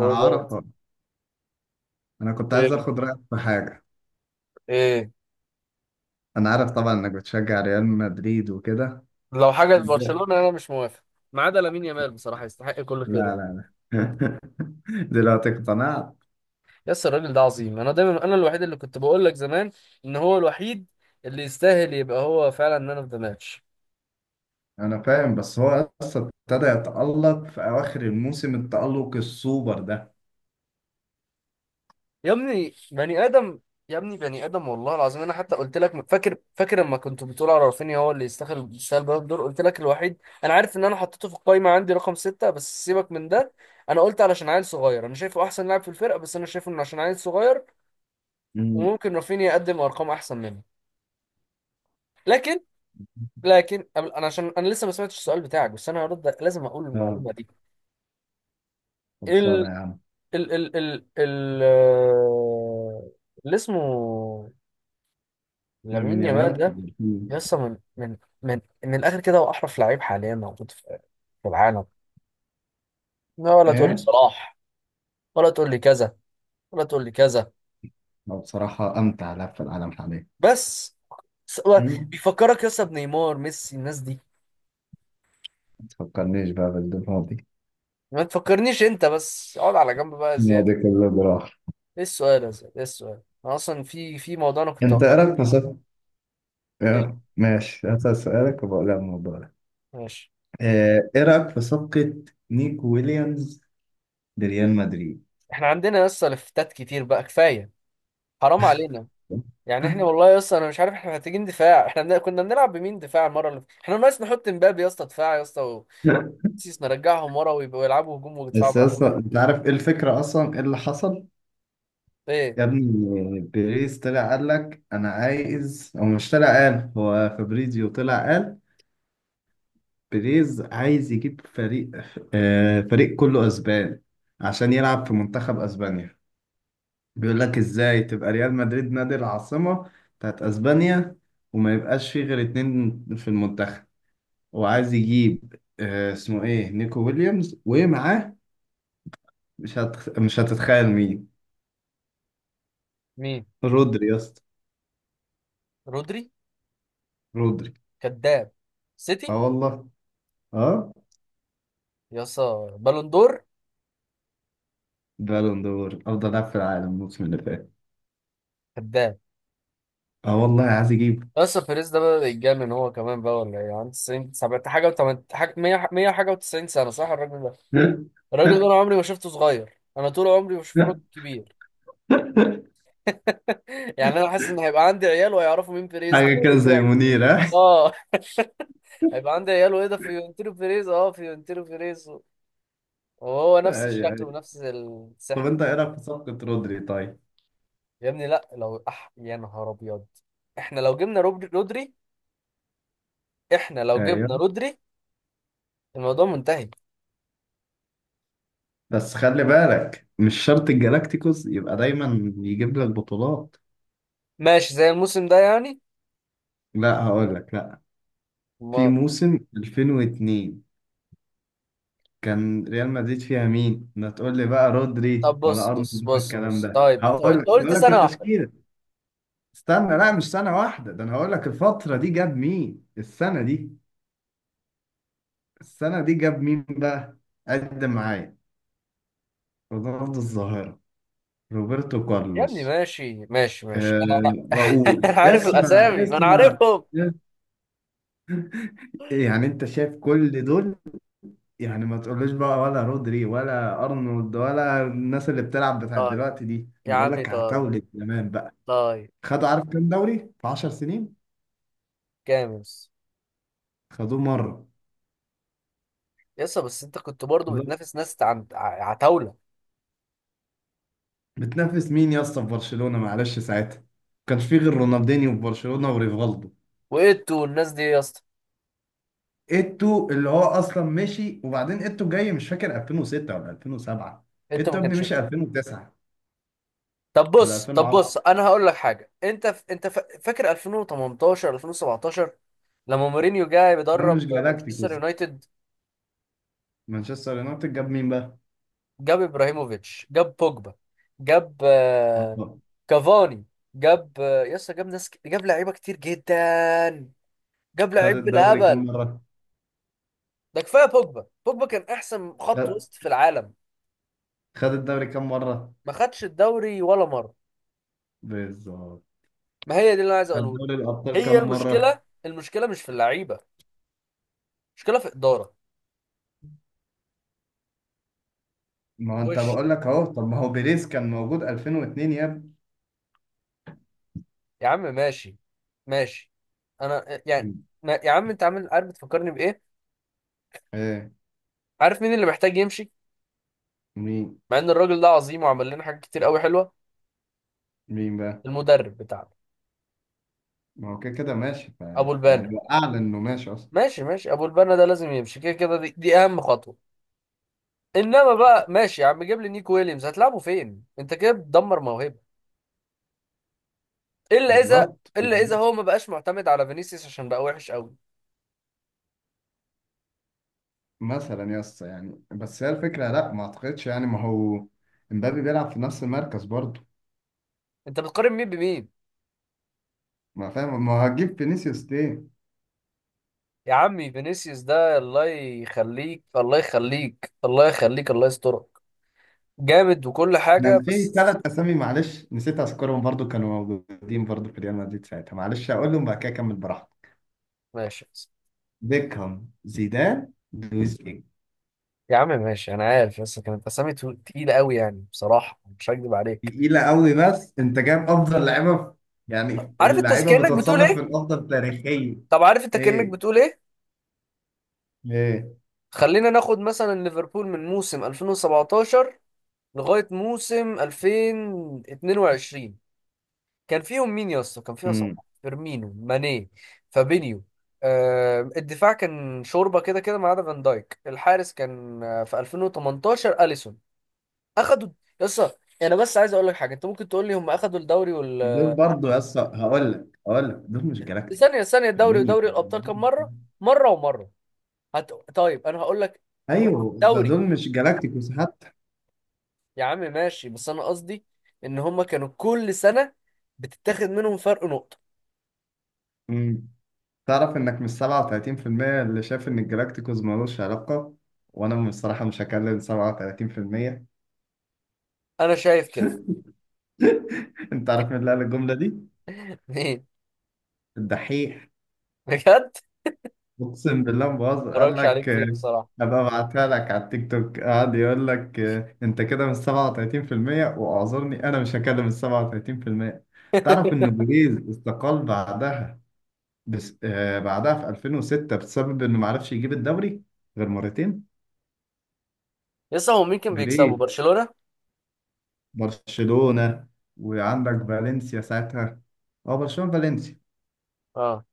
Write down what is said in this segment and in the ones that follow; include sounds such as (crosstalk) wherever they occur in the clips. هو جامد. انا كنت عايز ايه، اخد رايك في حاجه. ايه. انا عارف طبعا انك بتشجع ريال مدريد وكده. لو حاجه انت، لبرشلونه انا مش موافق، ما عدا لامين يامال. بصراحه يستحق كل لا خيره. لا لا (laughs) دلوقتي اقتنعت. يس، الراجل ده عظيم. انا دايما انا الوحيد اللي كنت بقول لك زمان ان هو الوحيد اللي يستاهل، يبقى هو فعلا مان اوف ذا ماتش. انا فاهم، بس هو اصلا ابتدى يتالق في اواخر الموسم، التالق السوبر ده. يا ابني بني ادم، يا ابني بني ادم والله العظيم. انا حتى قلت لك فاكر فاكر لما كنت بتقول على رافينيا هو اللي يستاهل يستاهل بالون دور، قلت لك الوحيد. انا عارف ان انا حطيته في القايمه عندي رقم ستة، بس سيبك من ده. انا قلت علشان عيل صغير، انا شايفه احسن لاعب في الفرقه، بس انا شايفه انه عشان عيل صغير أمم. وممكن رافينيا يقدم ارقام احسن منه. لكن لكن انا عشان انا لسه ما سمعتش السؤال بتاعك، بس انا هرد لازم اقول اه، المعلومه دي. خلصانه ال يا عم. ال اللي اسمه لامين لامين يامال يامال (laughs) ده دلفين. لسه من الاخر كده هو احرف لعيب حاليا موجود في العالم. لا، ولا تقول لي ايه، صلاح، ولا تقول لي كذا، ولا تقول لي كذا. هو بصراحه امتع لاعب في العالم حاليا. بس هو أمم. بيفكرك يا اسطى بنيمار ميسي الناس دي. ما تفكرنيش بقى بالماضي، ما تفكرنيش انت، بس اقعد على جنب بقى يا زياد. الماضي كله براح. ايه السؤال يا زلمه، ايه السؤال، انا اصلا في موضوع انا كنت انت هقول ايه لك رايك في فيه. صف-؟ إيه؟ إيه؟ ماشي، هسأل سؤالك وبقول لك الموضوع. ماشي. ايه رأيك في صفقة نيكو ويليامز لريال مدريد؟ احنا عندنا لسه لفتات كتير بقى، كفايه، حرام علينا. يعني احنا (laughs) والله يا اسطى انا مش عارف، احنا محتاجين دفاع. احنا كنا بنلعب بمين دفاع المره اللي فاتت؟ احنا ناقص نحط مبابي يا اسطى دفاع يا اسطى. وسيس نرجعهم ورا ويبقوا يلعبوا هجوم ودفاع بس براحتهم. اصلا انت عارف ايه الفكرة، اصلا ايه اللي حصل. ايه؟ يا ابني، بيريز طلع قال لك انا عايز، او مش طلع قال، هو فابريزيو طلع قال بيريز عايز يجيب فريق، فريق كله اسبان عشان يلعب في منتخب اسبانيا. بيقول لك ازاي تبقى ريال مدريد نادي العاصمة بتاعت اسبانيا، وما يبقاش فيه غير اتنين في المنتخب. وعايز يجيب، اسمه ايه، نيكو ويليامز، ومعاه مش هتتخيل مين. مين؟ رودري يا اسطى. رودري؟ رودري. كذاب. اه سيتي. والله. اه، يا اسطى بالون دور. بالون دور، افضل لاعب في العالم الموسم اللي فات. كذاب. اه والله، عايز يجيب. يا اسطى بيريز ده بقى يتجنن هو كمان بقى، ولا ايه؟ عنده 90 70 حاجه و 8 حاجه 100 حاجه و90 سنه، صح الراجل ده؟ (laughs) الراجل ده انا عمري ما شفته صغير، انا طول عمري بشوفه راجل كبير. (laughs) يعني انا حاسس ان هيبقى عندي عيال وهيعرفوا مين بيريز ده حاجه كده ايه زي ده. منير، ها؟ اه. (laughs) هيبقى عندي عيال وايه ده فيورنتينو بيريز، اه فيورنتينو بيريز، وهو نفس ايوه، الشكل ايوه. ونفس طب السحن. انت ايه رايك في صفقه رودري طيب؟ يا ابني لا، لو يا نهار ابيض. احنا لو جبنا رودري، احنا لو جبنا ايوه. رودري الموضوع منتهي. بس خلي بالك، مش شرط الجالاكتيكوس يبقى دايما يجيب لك بطولات. ماشي زي الموسم ده يعني. لا هقول لك، لا. في ما... موسم 2002، كان ريال مدريد فيها مين؟ ما تقول لي بقى رودري طب بص ولا ارنولد بص ولا بص الكلام بص، ده، طيب انت هقول انت لك قلت هقول لك سنة واحدة. التشكيله. استنى، لا مش سنه واحده، ده انا هقول لك الفتره دي جاب مين. السنه دي، السنه دي جاب مين بقى. قدم معايا، رونالدو الظاهره، روبرتو يا كارلوس، ابني ماشي ماشي ماشي آه، انا. (laughs) راؤول. أنا عارف اسمع الاسامي، ما انا اسمع، عارفهم. يعني انت شايف كل دول، يعني ما تقولوش بقى ولا رودري ولا ارنولد ولا الناس اللي بتلعب بتاعت طيب دلوقتي دي، يا انا بقول عمي لك طيب عتاولة زمان بقى. طيب. خد، عارف كام دوري في 10 سنين؟ كامس. خدوه مره. يسا، بس انت كنت برضو بالظبط. بتنافس ناس عتاولة. بتنافس مين يا اسطى في برشلونه؟ معلش ساعتها ما كانش فيه غير رونالدينيو في برشلونه، وريفالدو، وانتوا والناس دي يا اسطى. ايتو اللي هو اصلا مشي، وبعدين ايتو جاي مش فاكر 2006 ولا 2007. انت ايتو ما ابني كانش. مشي 2009 طب ولا بص طب 2010. بص انا هقول لك حاجه، انت فاكر 2018 2017 لما مورينيو جاي ده بيدرب مش مانشستر جالاكتيكوس. يونايتد؟ مانشستر يونايتد جاب مين بقى؟ جاب ابراهيموفيتش، جاب بوجبا، جاب آه. كافاني، جاب يسا جاب ناس جاب لعيبه كتير جدا، جاب خد لعيب الدوري كام بالهبل. مره؟ ده كفايه بوجبا. بوجبا كان احسن خط خد وسط في العالم. خد الدوري كام مره؟ ما خدش الدوري ولا مره. بالظبط. ما هي دي اللي انا عايز خد اقوله لك. دوري الابطال كام هي مره؟ المشكله، المشكله مش في اللعيبه، المشكله في اداره. ما هو انت وش. بقول لك اهو. طب ما هو بيريز كان موجود 2002 يا ابني. يا عم ماشي ماشي. انا يعني كان، يا عم انت عامل عارف، بتفكرني بايه؟ ايه، عارف مين اللي محتاج يمشي مين مع ان الراجل ده عظيم وعمل لنا حاجات كتير قوي حلوه؟ مين بقى؟ المدرب بتاعنا، ما هو كده كده ماشي، ف، ابو البنا. يعني هو اعلن انه ماشي اصلا. ماشي ماشي، ابو البنا ده لازم يمشي كده كده، دي اهم خطوه. انما بقى ماشي يا عم جيب لي نيكو ويليامز هتلعبه فين؟ انت كده بتدمر موهبه، الا اذا، بالظبط. الا اذا وبعدين هو ما بقاش معتمد على فينيسيوس عشان بقى وحش قوي. مثلا يا اسطى، يعني بس هي الفكره، لا ما اعتقدش، يعني ما هو امبابي بيلعب في نفس المركز برضه. انت بتقارن مين بمين؟ ما فاهم، ما هو هتجيب فينيسيوس ليه؟ يا عمي فينيسيوس ده الله يخليك الله يخليك الله يخليك الله يسترك، جامد وكل حاجه، كان في بس. ثلاث اسامي، معلش نسيت اذكرهم، برضه كانوا موجودين برضه في ريال مدريد ساعتها، معلش اقولهم بعد كده، اكمل براحتي. ماشي بس. بيكهام، زيدان، لويس. يا عم ماشي انا عارف، بس كانت اسامي تقيله قوي يعني بصراحه مش هكدب عليك. تقيلة قوي، بس انت جايب افضل لعيبة في-، يعني عارف انت اللعيبة كانك بتقول بتتصنف من ايه؟ افضل تاريخيا. طب عارف انت كأنك ايه. بتقول ايه؟ ايه. خلينا ناخد مثلا ليفربول من موسم 2017 لغاية موسم 2022، كان فيهم مين يا اسطى؟ كان فيها صلاح، امم. فيرمينو، ماني، فابينيو. آه، الدفاع كان شوربة كده كده ما عدا فان دايك. الحارس كان في 2018 أليسون. اخدوا. يا اسطى، انا بس عايز اقول لك حاجة، انت ممكن تقول لي هم اخدوا الدوري وال. دول برضو يا اسطى، هقول لك دول مش جالاكتيكوس. ثانية ثانية، الدوري فيرمينيو. ودوري الابطال كم مرة؟ مرة ومرة. طيب انا هقول لك. هم ايوه، ده الدوري. دول مش جالاكتيكوس حتى. يا عم ماشي بس انا قصدي ان هما كانوا كل سنة بتتاخد منهم فرق نقطة. امم. تعرف انك مش 37% اللي شايف ان الجالاكتيكوس ملوش علاقة، وانا بصراحة مش هكلم 37%. انا شايف كده. (laughs) انت عارف مين اللي قال الجملة دي؟ (laughs) مين؟ الدحيح. بجد. اقسم بالله ما بهزر، قال مبرجش عليه لك كتير بصراحة. ابقى ابعتها لك على التيك توك. قعد يقول لك انت كده من 37% واعذرني انا مش هكلم ال 37%. تعرف ان بيريز استقال بعدها، بس بعدها في 2006، بسبب انه ما عرفش يجيب الدوري غير مرتين. لسه هو مين كان بيكسبوا بيريز، برشلونة؟ برشلونة، وعندك فالنسيا ساعتها. اه، برشلونة فالنسيا. اه.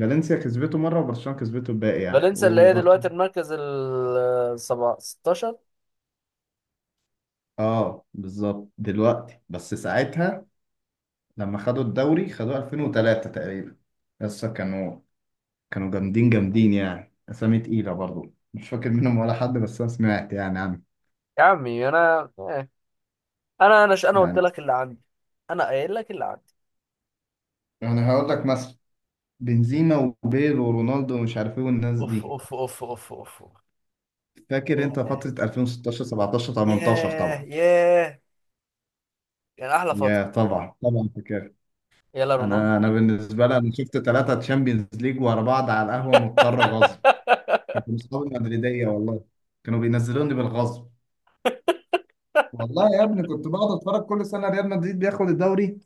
فالنسيا كسبته مرة، وبرشلونة كسبته الباقي يعني. فالنسيا اللي هي وبرشلونة، دلوقتي المركز ال 16. اه بالظبط دلوقتي، بس ساعتها لما خدوا الدوري، خدوه 2003 تقريبا. لسه كانوا جامدين جامدين، يعني أسامي تقيلة برضو، مش فاكر منهم ولا حد، بس أنا سمعت يعني عنه. يا عمي انا إيه. انا انا انا قلت يعني لك اللي عندي. انا قايل لك اللي عندي. أنا هقول لك مثلا بنزيما وبيل ورونالدو، ومش عارف إيه، والناس اوف دي. اوف اوف اوف اوف أوف. فاكر أنت ياه فترة 2016، 17، 18 ياه طبعا. ياه، يعني احلى فترة. يا طبعا طبعا فاكر. يلا رونالدو. أنا بالنسبة لي، أنا شفت ثلاثة تشامبيونز ليج ورا بعض على القهوة مضطر غصب. (laughs) كانوا أصحابي مدريدية والله. كانوا بينزلوني بالغصب. والله يا ابني، كنت بقعد اتفرج كل سنه ريال مدريد بياخد الدوري.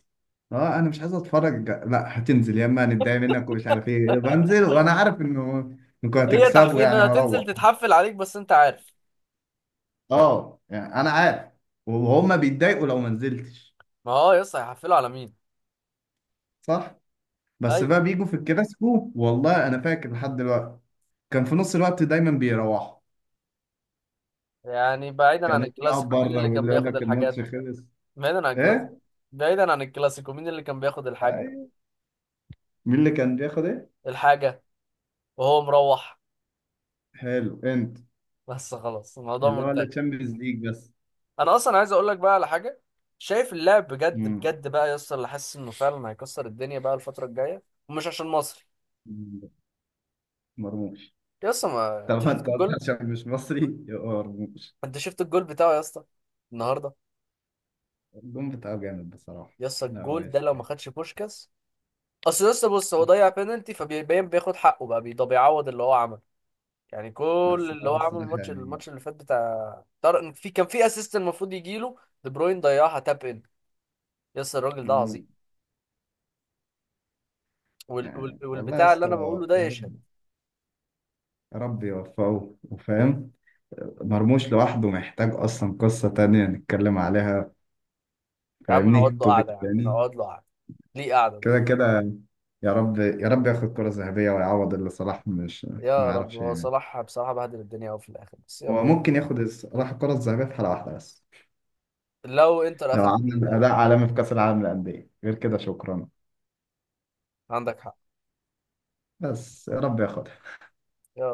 اه انا مش عايز اتفرج، لا هتنزل يا اما هنتضايق منك، ومش عارف ايه، بنزل وانا عارف انه انكم هي هتكسبوا تحفيل، يعني، هتنزل واروح. تتحفل عليك، بس انت عارف. اه، يعني انا عارف، وهم بيتضايقوا لو ما نزلتش. ما هو يس هيحفلوا على مين؟ صح. بس ايوه. بقى بيجوا في الكلاسيكو، والله انا فاكر لحد دلوقتي، كان في نص الوقت دايما بيروحوا. يعني بعيدا كان عن اللي يقعد الكلاسيكو مين بره، اللي كان واللي يقول بياخد لك الماتش الحاجات؟ خلص. بعيدا عن الكلاسيكو. ايه. بعيدا عن الكلاسيكو مين اللي كان بياخد الحاجه؟ أيوة. مين اللي كان بياخد ايه. الحاجه، وهو مروح. حلو انت. بس خلاص الموضوع اللي هو اللي منتهي. تشامبيونز ليج بس. انا اصلا عايز اقول لك بقى على حاجه، شايف اللاعب بجد بجد بقى يس اللي حاسس انه فعلا هيكسر الدنيا بقى الفتره الجايه، ومش عشان مصر. مم. مرموش. يس ما انت طب ما شفت انت قلت الجول؟ عشان مش مصري، يبقى مرموش. انت شفت الجول بتاعه يا اسطى النهارده؟ الجون بتاعه جامد بصراحة. يس لا هو الجول ده لو يستاهل. ما خدش بوشكاس، اصل لسه. بص هو ضيع بينالتي فبيبين بياخد حقه بقى، ده بيعوض اللي هو عمله. يعني كل بس اللي هو هو عمله الصراحة الماتش، يعني. اللي فات بتاع طارق، في كان في اسيست المفروض يجيله، دي بروين ضيعها تاب ان. يس الراجل ده عظيم. مم. يعني والله يا والبتاع اللي اسطى، انا بقوله ده يا يشهد. رب، يا رب يوفقه وفاهم. مرموش لوحده محتاج أصلا قصة تانية نتكلم عليها. يا عم فاهمني، نقعد له قعده، توبيك يا عم تاني. نقعد له قعده. ليه قعده كده بقى؟ كده، يا رب يا رب ياخد كرة ذهبية ويعوض اللي صلاح مش ما يا رب. يعرفش هو يعني. صلاح بصراحه بهدل الدنيا قوي في الاخر، بس هو يلا. ممكن ياخد صلاح الكرة الذهبية في حلقة واحدة، بس لو انتر لو اخدت عمل اداء عالمي في كاس العالم للانديه، غير كده شكرا. عندك حق. بس يا رب ياخد يا